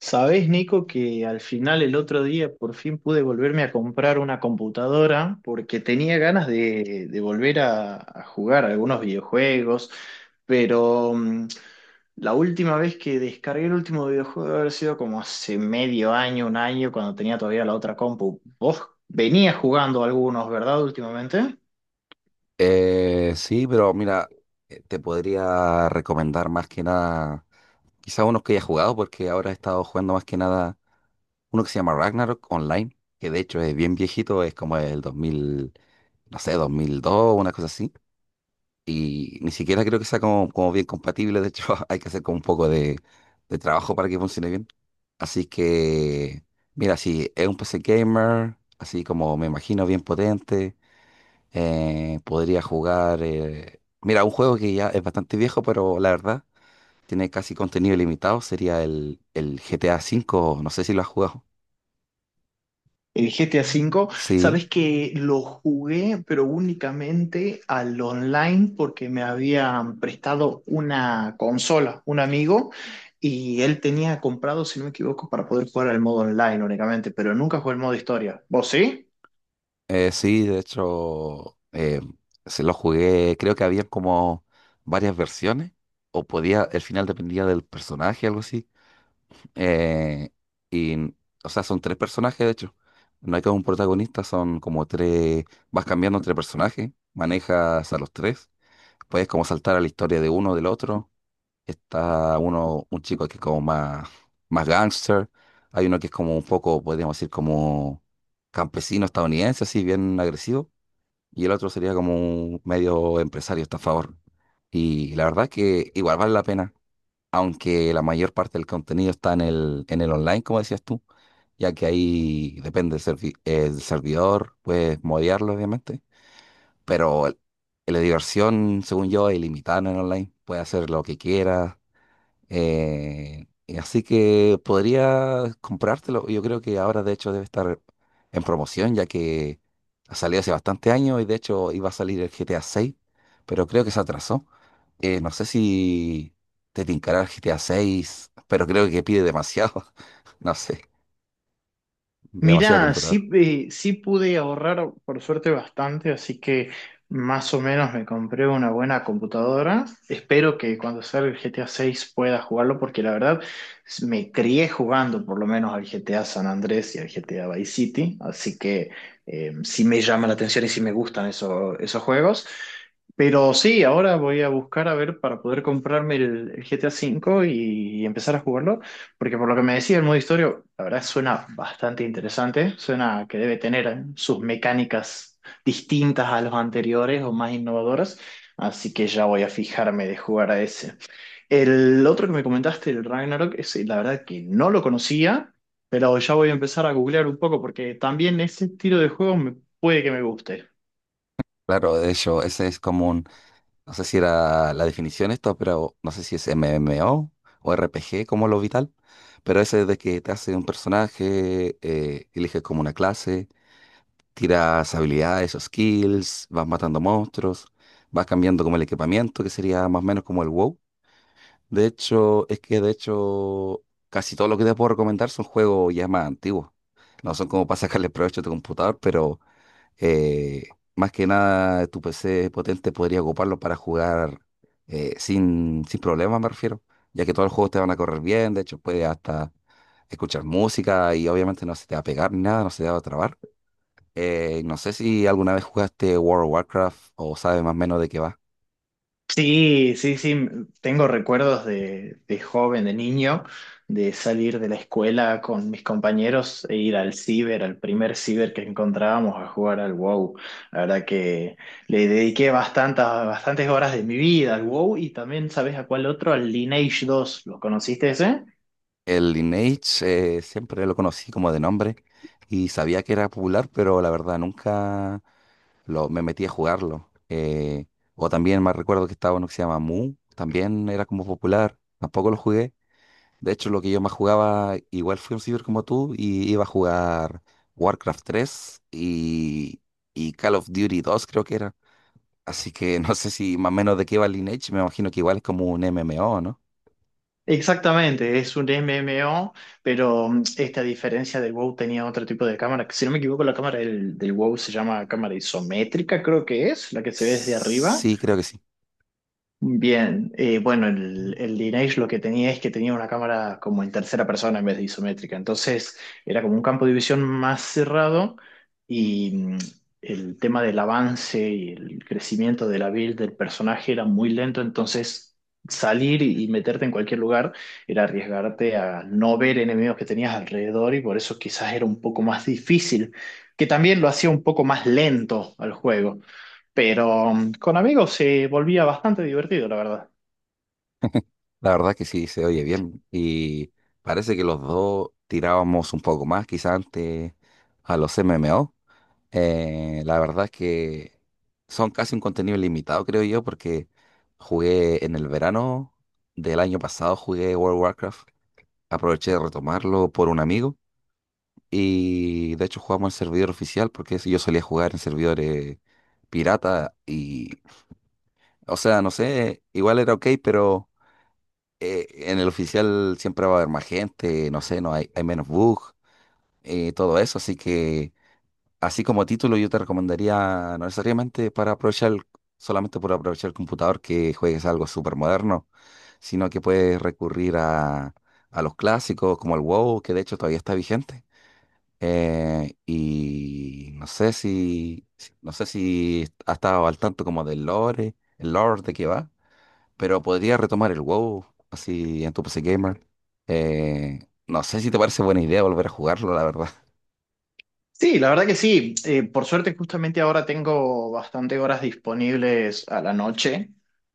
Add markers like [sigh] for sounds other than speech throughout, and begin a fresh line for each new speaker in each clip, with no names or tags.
Sabés, Nico, que al final el otro día por fin pude volverme a comprar una computadora porque tenía ganas de volver a jugar algunos videojuegos, pero la última vez que descargué el último videojuego debe haber sido como hace medio año, un año, cuando tenía todavía la otra compu. Vos venías jugando algunos, ¿verdad? Últimamente.
Sí, pero mira, te podría recomendar más que nada, quizá unos que haya jugado, porque ahora he estado jugando más que nada uno que se llama Ragnarok Online, que de hecho es bien viejito, es como el 2000, no sé, 2002, una cosa así, y ni siquiera creo que sea como bien compatible, de hecho [laughs] hay que hacer como un poco de trabajo para que funcione bien. Así que, mira, si es un PC gamer, así como me imagino, bien potente, podría jugar. Mira, un juego que ya es bastante viejo, pero la verdad tiene casi contenido ilimitado. Sería el GTA V. No sé si lo has jugado.
El GTA V,
Sí,
sabes que lo jugué, pero únicamente al online porque me habían prestado una consola, un amigo, y él tenía comprado, si no me equivoco, para poder jugar al modo online únicamente, pero nunca jugué el modo historia. ¿Vos sí?
sí, de hecho, se lo jugué. Creo que había como varias versiones. O podía, el final dependía del personaje, algo así. Eh, y, o sea, son tres personajes, de hecho. No hay como un protagonista, son como tres. Vas cambiando entre personajes, manejas a los tres. Puedes como saltar a la historia de uno, del otro. Está uno, un chico que es como más gángster. Hay uno que es como un poco, podríamos decir, como campesino estadounidense, así bien agresivo. Y el otro sería como un medio empresario estafador. Y la verdad es que igual vale la pena, aunque la mayor parte del contenido está en el online, como decías tú, ya que ahí depende del servi- el servidor, puedes modearlo, obviamente. Pero la diversión, según yo, es ilimitada en el online. Puedes hacer lo que quieras. Y así que podría comprártelo. Yo creo que ahora, de hecho, debe estar en promoción, ya que ha salido hace bastante años y, de hecho, iba a salir el GTA 6, pero creo que se atrasó. No sé si te tincará el GTA 6, pero creo que pide demasiado. [laughs] No sé, demasiado
Mirá,
computador.
sí, sí pude ahorrar por suerte bastante, así que más o menos me compré una buena computadora. Espero que cuando salga el GTA 6 pueda jugarlo, porque la verdad me crié jugando por lo menos al GTA San Andrés y al GTA Vice City, así que sí me llama la atención y sí me gustan esos juegos. Pero sí, ahora voy a buscar a ver para poder comprarme el GTA 5 y empezar a jugarlo. Porque por lo que me decía el modo historia, la verdad suena bastante interesante, suena que debe tener sus mecánicas distintas a los anteriores o más innovadoras, así que ya voy a fijarme de jugar a ese. El otro que me comentaste, el Ragnarok, ese, la verdad que no lo conocía, pero ya voy a empezar a googlear un poco porque también ese estilo de juego puede que me guste.
Claro, de hecho, ese es común. No sé si era la definición esto, pero no sé si es MMO o RPG como lo vital. Pero ese de que te hace un personaje, eliges como una clase, tiras habilidades o skills, vas matando monstruos, vas cambiando como el equipamiento, que sería más o menos como el WoW. De hecho, es que de hecho casi todo lo que te puedo recomendar son juegos ya más antiguos. No son como para sacarle provecho a tu computador, pero eh, más que nada, tu PC potente podría ocuparlo para jugar, sin problemas, me refiero, ya que todos los juegos te van a correr bien, de hecho puedes hasta escuchar música y obviamente no se te va a pegar ni nada, no se te va a trabar. No sé si alguna vez jugaste World of Warcraft o sabes más o menos de qué va.
Sí, sí, sí, tengo recuerdos de joven, de niño, de salir de la escuela con mis compañeros e ir al ciber, al primer ciber que encontrábamos a jugar al WoW. La verdad que le dediqué bastantes horas de mi vida al WoW y también, ¿sabes a cuál otro? Al Lineage dos. ¿Lo conociste ese?
El Lineage, siempre lo conocí como de nombre y sabía que era popular, pero la verdad nunca me metí a jugarlo. O también más recuerdo que estaba uno que se llama Mu, también era como popular, tampoco lo jugué. De hecho, lo que yo más jugaba, igual fui un ciber como tú, y iba a jugar Warcraft 3 y Call of Duty 2 creo que era. Así que [laughs] no sé si más o menos de qué va Lineage, me imagino que igual es como un MMO, ¿no?
Exactamente, es un MMO, pero esta diferencia del WoW tenía otro tipo de cámara, que si no me equivoco la cámara del WoW se llama cámara isométrica, creo que es, la que se ve desde arriba.
Sí, creo que sí.
Bien, bueno, el Lineage lo que tenía es que tenía una cámara como en tercera persona en vez de isométrica, entonces era como un campo de visión más cerrado y el tema del avance y el crecimiento de la build del personaje era muy lento, entonces salir y meterte en cualquier lugar era arriesgarte a no ver enemigos que tenías alrededor y por eso quizás era un poco más difícil, que también lo hacía un poco más lento al juego. Pero con amigos se volvía bastante divertido, la verdad.
La verdad que sí, se oye bien. Y parece que los dos tirábamos un poco más, quizá antes a los MMO. La verdad es que son casi un contenido limitado, creo yo, porque jugué en el verano del año pasado, jugué World of Warcraft, aproveché de retomarlo por un amigo y de hecho jugamos en servidor oficial porque si yo solía jugar en servidores pirata y, o sea, no sé, igual era ok, pero en el oficial siempre va a haber más gente, no sé, no hay, hay menos bugs, todo eso, así que... Así como título, yo te recomendaría, no necesariamente para aprovechar, solamente por aprovechar el computador, que juegues algo súper moderno, sino que puedes recurrir a, los clásicos como el WoW, que de hecho todavía está vigente. Y no sé si has estado al tanto como del lore, el lore de qué va, pero podría retomar el WoW así en tu PC Gamer. Eh, no sé si te parece buena idea volver a jugarlo, la verdad.
Sí, la verdad que sí. Por suerte, justamente ahora tengo bastante horas disponibles a la noche,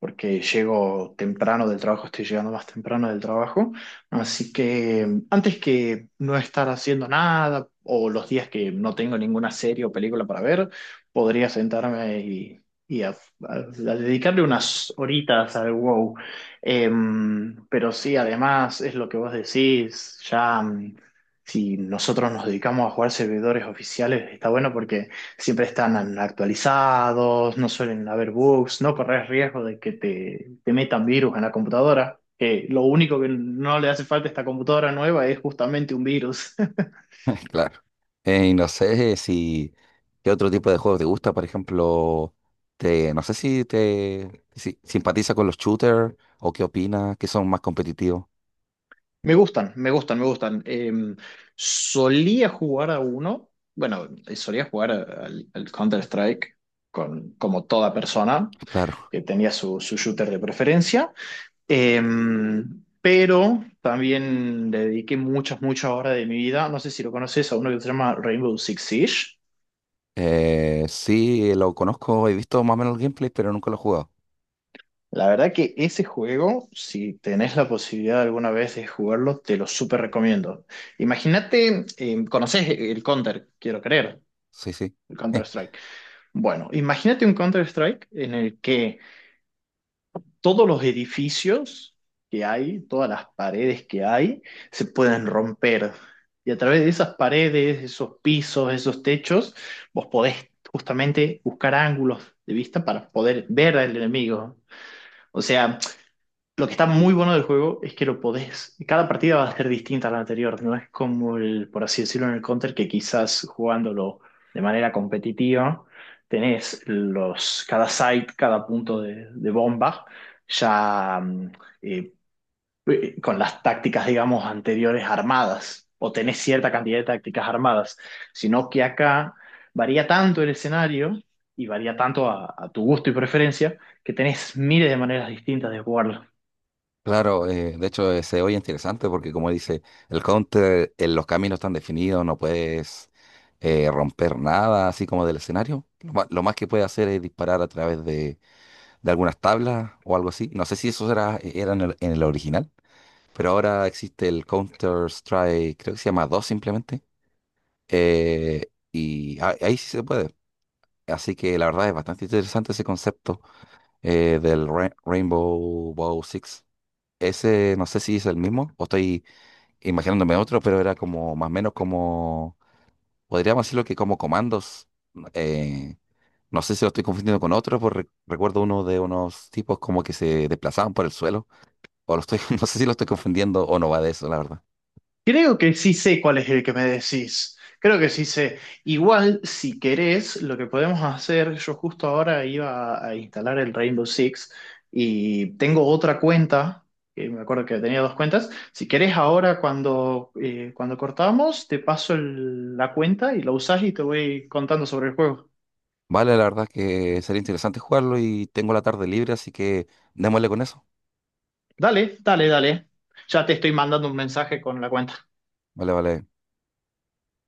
porque llego temprano del trabajo, estoy llegando más temprano del trabajo. Así que antes que no estar haciendo nada o los días que no tengo ninguna serie o película para ver, podría sentarme y a, a- a dedicarle unas horitas al WoW. Pero sí, además es lo que vos decís, ya. Si nosotros nos dedicamos a jugar servidores oficiales, está bueno porque siempre están actualizados, no suelen haber bugs, no corres riesgo de que te metan virus en la computadora, que lo único que no le hace falta a esta computadora nueva es justamente un virus. [laughs]
[laughs] Claro. Y no sé si qué otro tipo de juegos te gusta, por ejemplo, no sé si te si, simpatiza con los shooters o qué opinas, que son más competitivos.
Me gustan, me gustan, me gustan. Solía jugar a uno, bueno, solía jugar al Counter-Strike con, como toda persona
Claro.
que tenía su shooter de preferencia. Eh, pero también le dediqué muchas horas de mi vida. No sé si lo conoces a uno que se llama Rainbow Six Siege.
Sí, lo conozco, he visto más o menos el gameplay, pero nunca lo he jugado.
La verdad que ese juego, si tenés la posibilidad alguna vez de jugarlo, te lo súper recomiendo. Imagínate, conoces el Counter, quiero creer,
Sí, sí.
el
[laughs]
Counter-Strike. Bueno, imagínate un Counter-Strike en el que todos los edificios que hay, todas las paredes que hay, se pueden romper. Y a través de esas paredes, esos pisos, esos techos, vos podés justamente buscar ángulos de vista para poder ver al enemigo. O sea, lo que está muy bueno del juego es que lo podés. Cada partida va a ser distinta a la anterior. No es como el, por así decirlo, en el Counter, que quizás jugándolo de manera competitiva, tenés los, cada site, cada punto de bomba, ya eh, con las tácticas, digamos, anteriores armadas. O tenés cierta cantidad de tácticas armadas. Sino que acá varía tanto el escenario y varía tanto a tu gusto y preferencia que tenés miles de maneras distintas de jugarlo.
Claro, de hecho, se oye interesante porque como dice, el counter, los caminos están definidos, no puedes romper nada así como del escenario. Lo más que puedes hacer es disparar a través de algunas tablas o algo así. No sé si eso era en el original, pero ahora existe el Counter-Strike, creo que se llama 2 simplemente, y ahí sí se puede. Así que la verdad es bastante interesante ese concepto, del Rainbow Bow Six. Ese no sé si es el mismo o estoy imaginándome otro, pero era como más o menos como, podríamos decirlo que como comandos. eh, no sé si lo estoy confundiendo con otro, porque recuerdo uno de unos tipos como que se desplazaban por el suelo. O lo estoy, [laughs] no sé si lo estoy confundiendo o no va de eso, la verdad.
Creo que sí sé cuál es el que me decís. Creo que sí sé. Igual, si querés, lo que podemos hacer, yo justo ahora iba a instalar el Rainbow Six y tengo otra cuenta, que me acuerdo que tenía dos cuentas. Si querés, ahora cuando, cuando cortamos, te paso la cuenta y la usás y te voy contando sobre el juego.
Vale, la verdad que sería interesante jugarlo y tengo la tarde libre, así que démosle con eso.
Dale, dale, dale. Ya te estoy mandando un mensaje con la cuenta.
Vale, vale.